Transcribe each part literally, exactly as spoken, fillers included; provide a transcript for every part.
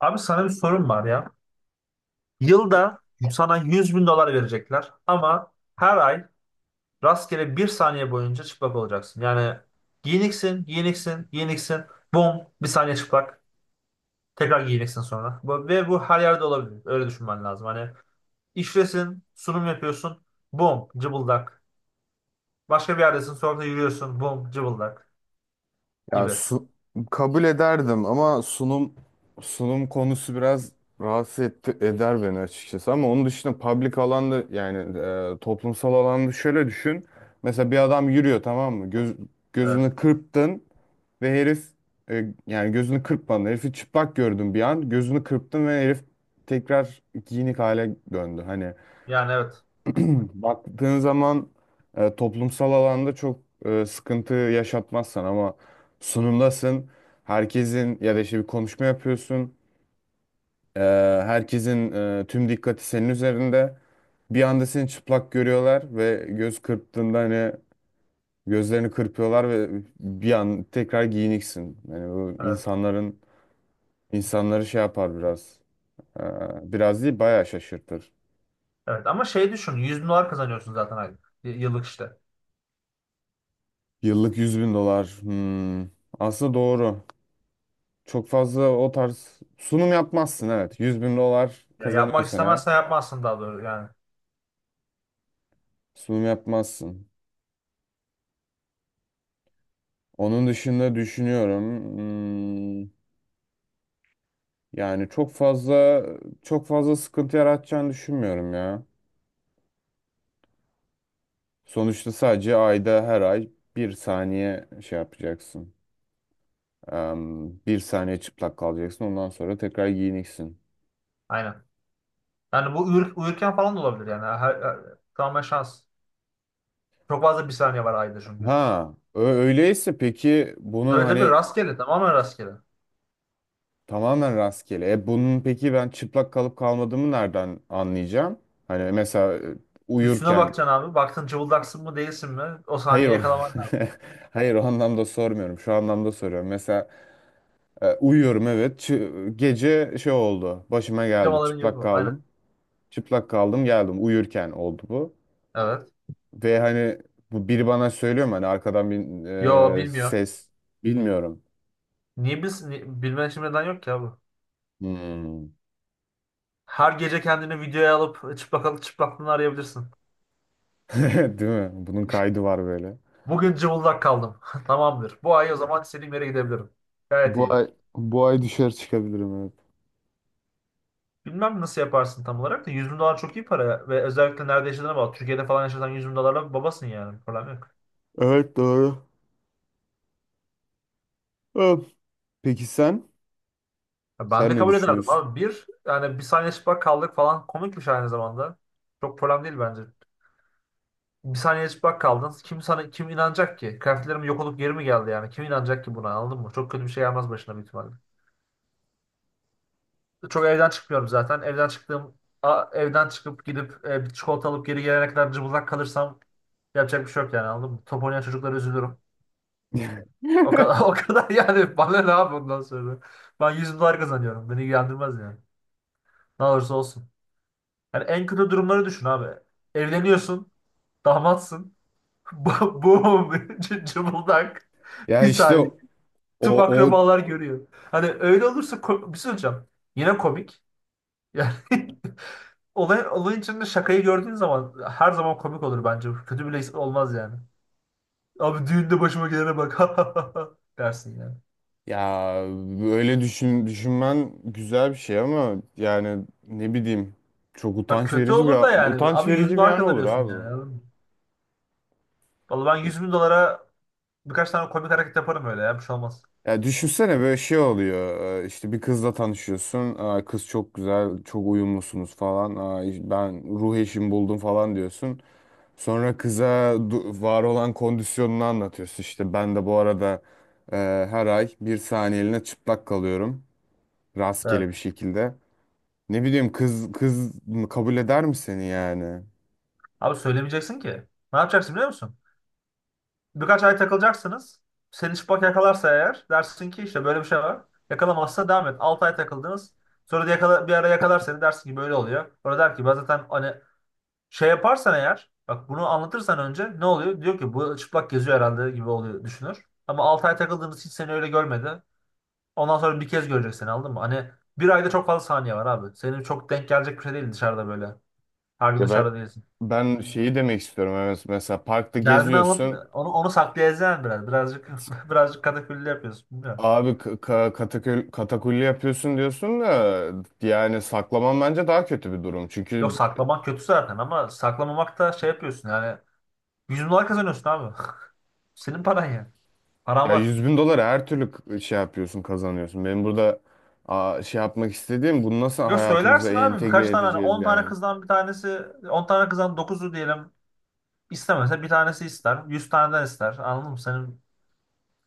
Abi sana bir sorum var ya. Yılda sana yüz bin dolar verecekler ama her ay rastgele bir saniye boyunca çıplak olacaksın. Yani giyiniksin, giyiniksin, giyiniksin. Bum, bir saniye çıplak. Tekrar giyiniksin sonra. Bu- Ve bu her yerde olabilir. Öyle düşünmen lazım. Hani işlesin, sunum yapıyorsun. Bum, cıbıldak. Başka bir yerdesin, sokakta yürüyorsun. Bum, cıbıldak Ya gibi. su, kabul ederdim ama sunum sunum konusu biraz rahatsız etti, eder beni açıkçası. Ama onun dışında public alanda yani e, toplumsal alanda şöyle düşün. Mesela bir adam yürüyor, tamam mı? Göz, Evet. Gözünü kırptın ve herif, e, yani gözünü kırpmadın. Herifi çıplak gördün bir an. Gözünü kırptın ve herif tekrar giyinik hale döndü. Hani Yani evet. Baktığın zaman e, toplumsal alanda çok e, sıkıntı yaşatmazsan ama sunumdasın. Herkesin ya da işte bir konuşma yapıyorsun. E, Herkesin e, tüm dikkati senin üzerinde. Bir anda seni çıplak görüyorlar ve göz kırptığında, hani, gözlerini kırpıyorlar ve bir an tekrar giyiniksin. Yani bu Evet. insanların insanları şey yapar biraz. E, Biraz değil, bayağı şaşırtır. Evet. Ama şey düşün. yüz bin dolar kazanıyorsun zaten aylık. Y- Yıllık işte. Yıllık yüz bin dolar. Hmm, aslında doğru. Çok fazla o tarz sunum yapmazsın, evet. Yüz bin dolar Ya yapmak kazanıyorsan eğer istemezsen yapmazsın daha doğru yani. sunum yapmazsın. Onun dışında düşünüyorum. Hmm, yani çok fazla çok fazla sıkıntı yaratacağını düşünmüyorum ya. Sonuçta sadece ayda her ay bir saniye şey yapacaksın. Em, bir saniye çıplak kalacaksın. Ondan sonra tekrar giyineceksin. Aynen. Yani bu uyur, uyurken falan da olabilir yani. Her, her- tamamen şans. Çok fazla bir saniye var ayda çünkü. Ha, ö- öyleyse peki bunun Tabii tabii hani. rastgele tamamen rastgele. Tamamen rastgele. E, bunun peki ben çıplak kalıp kalmadığımı nereden anlayacağım? Hani mesela, e, Üstüne uyurken bakacaksın abi. Baktın cıvıldaksın mı değilsin mi? O hayır saniye o yakalaman lazım. hayır, o anlamda sormuyorum. Şu anlamda soruyorum. Mesela, e, uyuyorum, evet. Çı- gece şey oldu. Başıma geldi. Camaların yok Çıplak o. Aynen. kaldım. Çıplak kaldım, geldim. Uyurken oldu bu. Evet. Ve hani bu, biri bana söylüyor mu? Hani arkadan bir, Yo e, bilmiyor. ses. Bilmiyorum. Niye bilsin? Ni- Bilmen için neden yok ki abi? Hmm. Her gece kendini videoya alıp çıplak çıplaklığını arayabilirsin. Değil mi? Bunun kaydı var böyle. Bugün cıvıldak kaldım. Tamamdır. Bu ay o zaman istediğim yere gidebilirim. Gayet Bu iyi. ay bu ay düşer, çıkabilirim, evet. Bilmem nasıl yaparsın tam olarak da yüz bin dolar çok iyi para ve özellikle nerede yaşadığına bağlı. Türkiye'de falan yaşasan yüz bin dolarla babasın yani. Problem yok. Evet, doğru. Öf. Peki sen? Ya ben Sen de ne kabul ederdim düşünüyorsun? abi. Bir yani bir saniye çıplak kaldık falan komikmiş aynı zamanda. Çok problem değil bence. Bir saniye çıplak kaldın. Kim sana kim inanacak ki? Kıyafetlerim yok olup geri mi geldi yani? Kim inanacak ki buna anladın mı? Çok kötü bir şey gelmez başına büyük ihtimalle. Çok evden çıkmıyorum zaten. Evden çıktığım a- evden çıkıp gidip e, bir çikolata alıp geri gelene kadar cıbıldak kalırsam yapacak bir şey yok yani anladın mı? Top oynayan çocuklara üzülürüm. O kadar o kadar yani bana ne abi ondan sonra. Ben yüz dolar kazanıyorum. Beni ilgilendirmez yani. Ne olursa olsun. Yani en kötü durumları düşün abi. Evleniyorsun. Damatsın. Bu- Boom. c- Cıbıldak. Bir Ya işte saniye. o Tüm o akrabalar görüyor. Hani öyle olursa ko- bir şey söyleyeceğim. Yine komik. Yani olay, olayın içinde şakayı gördüğün zaman her zaman komik olur bence. Kötü bile olmaz yani. Abi düğünde başıma gelene bak dersin yani. ya öyle düşün düşünmen güzel bir şey ama yani ne bileyim, çok Bak utanç kötü verici bir olur da yani. utanç Abi yüz verici bir dolar an olur, kazanıyorsun abi. yani. Anladın mı? Vallahi ben yüz bin dolara birkaç tane komik hareket yaparım öyle ya. Bir şey olmaz. Ya düşünsene, böyle şey oluyor. e, işte bir kızla tanışıyorsun. Aa, Kız çok güzel, çok uyumlusunuz falan. Aa, ben ruh eşimi buldum falan diyorsun. Sonra kıza du- var olan kondisyonunu anlatıyorsun. İşte ben de bu arada, e, her ay bir saniyeliğine çıplak kalıyorum. Evet. Rastgele bir şekilde. Ne bileyim, kız kız mı- kabul eder mi seni yani? Abi söylemeyeceksin ki. Ne yapacaksın biliyor musun? Birkaç ay takılacaksınız. Seni çıplak yakalarsa eğer dersin ki işte böyle bir şey var. Yakalamazsa devam et. altı ay takıldınız. Sonra da yakala, bir ara yakalar seni dersin ki böyle oluyor. Sonra der ki ben zaten hani şey yaparsan eğer bak bunu anlatırsan önce ne oluyor? Diyor ki bu çıplak geziyor herhalde gibi oluyor düşünür. Ama altı ay takıldığınız hiç seni öyle görmedi. Ondan sonra bir kez görecek seni anladın mı? Hani bir ayda çok fazla saniye var abi. Senin çok denk gelecek bir şey değil dışarıda böyle. Her gün Ya, ben dışarıda değilsin. ben şeyi demek istiyorum. Evet, mesela parkta Derdini anlatma. geziyorsun. Onu, onu saklayacaksın biraz. Birazcık birazcık katakulli yapıyorsun. Bilmiyorum. Abi, k- ka- katakül- katakulli yapıyorsun diyorsun da, yani saklamam bence daha kötü bir durum. Yok Çünkü... saklamak kötü zaten ama saklamamak da şey yapıyorsun yani. yüz dolar kazanıyorsun abi. Senin paran yani. Paran Ya, var. yüz bin dolara her türlü k- şey yapıyorsun, kazanıyorsun. Benim burada, aa, şey yapmak istediğim, bunu nasıl Yok hayatımıza söylersin abi entegre birkaç tane hani edeceğiz on tane yani. kızdan bir tanesi on tane kızdan dokuzu diyelim istemese bir tanesi ister. Yüz taneden ister. Anladın mı? Senin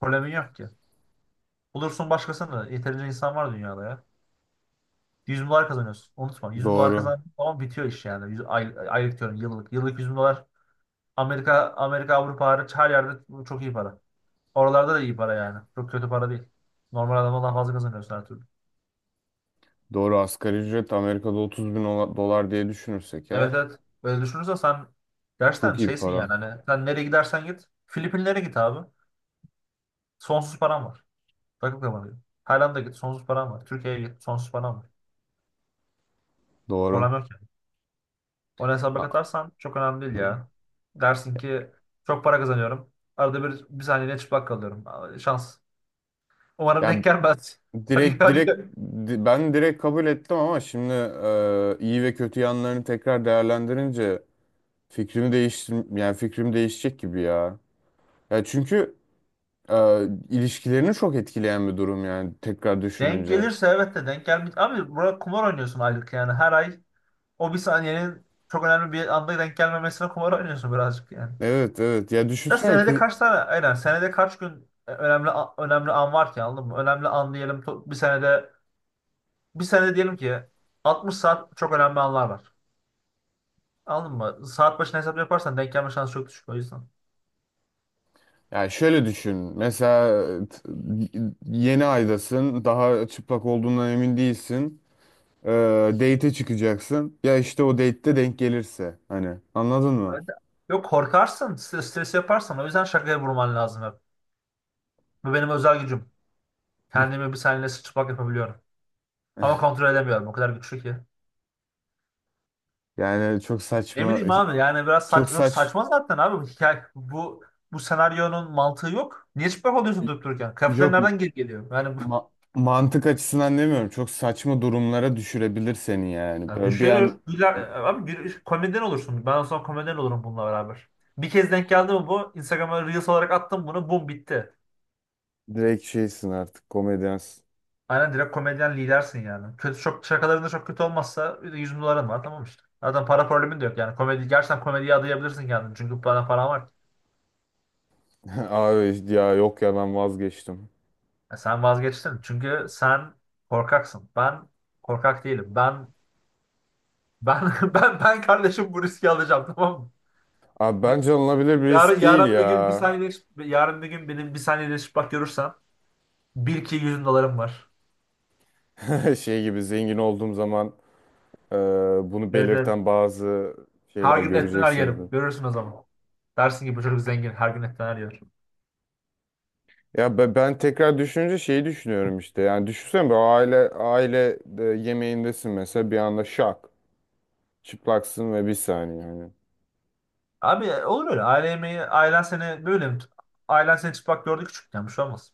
problemin yok ki. Bulursun başkasını. Yeterince insan var dünyada ya. Yüz bin dolar kazanıyorsun. Unutma. Yüz bin dolar Doğru. kazandığın zaman bitiyor iş yani. Yüz- ay, aylık diyorum yıllık. Yıllık yüz bin dolar. Amerika, Amerika, Avrupa hariç her yerde çok iyi para. Oralarda da iyi para yani. Çok kötü para değil. Normal adamdan daha fazla kazanıyorsun her türlü. Doğru, asgari ücret Amerika'da otuz bin ola- dolar diye düşünürsek ya. Evet evet. Böyle düşünürsen sen Çok gerçekten iyi bir şeysin yani. para. Hani sen nereye gidersen git. Filipinlere git abi. Sonsuz paran var. Takıp kapanıyor. Tayland'a git. Sonsuz paran var. Türkiye'ye git. Sonsuz paran var. Doğru. Problem yok yani. Onu hesaba Ha. katarsan çok önemli değil ya. Dersin ki çok para kazanıyorum. Arada bir, bir saniyede çıplak kalıyorum. Aa, şans. Umarım Ya, denk gelmez. direkt Yani direkt di- ben direkt kabul ettim ama şimdi, e, iyi ve kötü yanlarını tekrar değerlendirince, fikrimi değiştir yani fikrim değişecek gibi ya. Ya çünkü... Ee, ilişkilerini çok etkileyen bir durum yani, tekrar denk düşününce. gelirse evet de denk gelmez. Abi burada kumar oynuyorsun aylık yani. Her ay o bir saniyenin çok önemli bir anda denk gelmemesine kumar oynuyorsun birazcık yani. Evet, evet, ya Ya düşünsene senede kız, kaç tane aynen senede kaç gün e, önemli a- önemli an var ki anladın mı? Önemli an diyelim to- bir senede bir senede diyelim ki altmış saat çok önemli anlar var. Anladın mı? Saat başına hesap yaparsan denk gelme şansı çok düşük o yüzden. ya şöyle düşün. Mesela t- yeni aydasın, daha çıplak olduğundan emin değilsin, ee, date'e çıkacaksın, ya işte o date'te denk gelirse, hani, anladın mı? Evet. Yok korkarsın, stres, stres yaparsan o yüzden şakaya vurman lazım hep. Bu benim özel gücüm. Kendimi bir saniye sıçrapak yapabiliyorum. Ama kontrol edemiyorum o kadar güçlü ki. Yani çok Ne saçma, bileyim abi yani biraz saç, çok yok saç saçma zaten abi bu hikaye. Bu bu senaryonun mantığı yok. Niye çıplak oluyorsun durup dururken? Kıyafetler yok, nereden geri geliyor? Yani bu, ma- mantık açısından demiyorum, çok saçma durumlara düşürebilir seni yani. ya Böyle bir düşürür. an... Güler, abi gü- komedyen olursun. Ben o zaman komedyen olurum bununla beraber. Bir kez denk geldi mi bu? Instagram'a Reels olarak attım bunu. Bum bitti. Direkt şeysin artık, komedyansın. Aynen direkt komedyen lidersin yani. Kötü çok şakalarında çok kötü olmazsa yüz de bin doların var tamam işte. Zaten para problemin de yok yani. Komedi gerçekten komediye adayabilirsin kendini. Çünkü bana paran var ki. Abi ya, yok ya, ben vazgeçtim. Ya sen vazgeçtin. Çünkü sen korkaksın. Ben korkak değilim. Ben ben ben ben kardeşim bu riski alacağım tamam mı? Abi, Bir, bence alınabilir bir yarın risk değil yarın bir gün bir ya. saniye yarın bir gün benim bir saniye bak görürsen bil ki yüz bin dolarım var. Şey gibi, zengin olduğum zaman, e, bunu Evet evet. belirten bazı Her şeyler gün et döner göreceksiniz. yerim. Görürsün o zaman. Dersin ki bu çocuk zengin. Her gün et döner yer. Ya, be- ben, tekrar düşününce, şeyi düşünüyorum işte. Yani düşünsene, bir aile aile de yemeğindesin mesela, bir anda şak, çıplaksın ve bir saniye, hani. Abi e, olur öyle. ailemeyi ailen seni böyle mi? tut- Ailen seni çıplak gördü küçükken. Bir şey olmaz.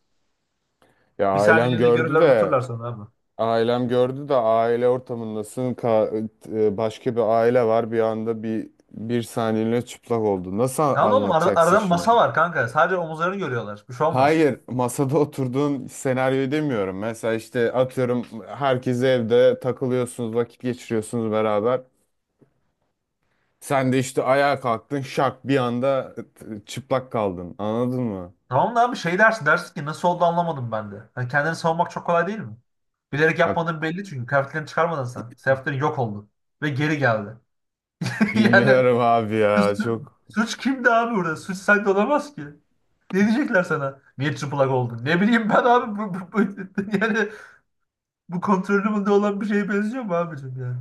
Ya Bir ailem saniyeliğine gördü görürler de... unuturlar sonra abi. Ailem gördü de aile ortamındasın. Ka- e, başka bir aile var. Bir anda bir bir saniyeliğine çıplak oldu. Nasıl Tamam oğlum arada, anlatacaksın arada masa şimdi? var kanka. Sadece omuzlarını görüyorlar. Bir şey olmaz. Hayır, masada oturduğun senaryoyu demiyorum. Mesela işte atıyorum, herkes evde takılıyorsunuz, vakit geçiriyorsunuz beraber. Sen de işte ayağa kalktın, şak, bir anda t- çıplak kaldın. Anladın mı? Tamam da abi şey dersin. Dersin ki nasıl oldu anlamadım ben de. Hani kendini savunmak çok kolay değil mi? Bilerek Ya yapmadığın belli çünkü. Kıyafetlerini çıkarmadın sen. Kıyafetlerin yok oldu. Ve geri geldi. Yani bilmiyorum abi ya. su- Çok suç kimdi abi burada? Suç sende olamaz ki. Ne diyecekler sana? Niye çıplak oldun? Ne bileyim ben abi. Bu- bu- bu- yani bu kontrolümde olan bir şeye benziyor mu abicim yani?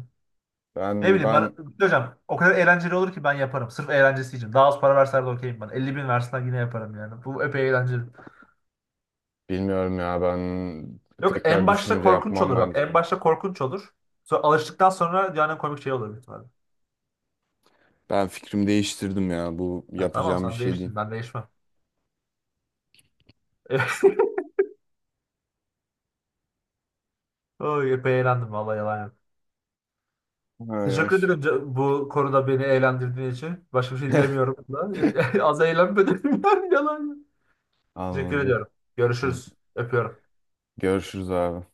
Ne ben bileyim bana, ben hocam o kadar eğlenceli olur ki ben yaparım. Sırf eğlencesi için. Daha az para verseler de okeyim ben. Elli bin versen yine yaparım yani. Bu epey eğlenceli. bilmiyorum ya. Ben Yok tekrar en başta düşünce korkunç yapmam olur bak. bence. En başta korkunç olur. Sonra alıştıktan sonra yani komik şey olur büyük ihtimalle. Ben fikrimi değiştirdim ya. Bu Ha, tamam yapacağım bir sen şey değil. değiştin ben değişmem. Oy epey eğlendim vallahi yalan yok. Ay, ay. Teşekkür ederim ca- bu konuda beni eğlendirdiğin için. Başka bir şey diyemiyorum da. Az eğlenmedim yani yalan yok. Teşekkür Anladım. ediyorum. Görüşürüz. Öpüyorum. Görüşürüz abi.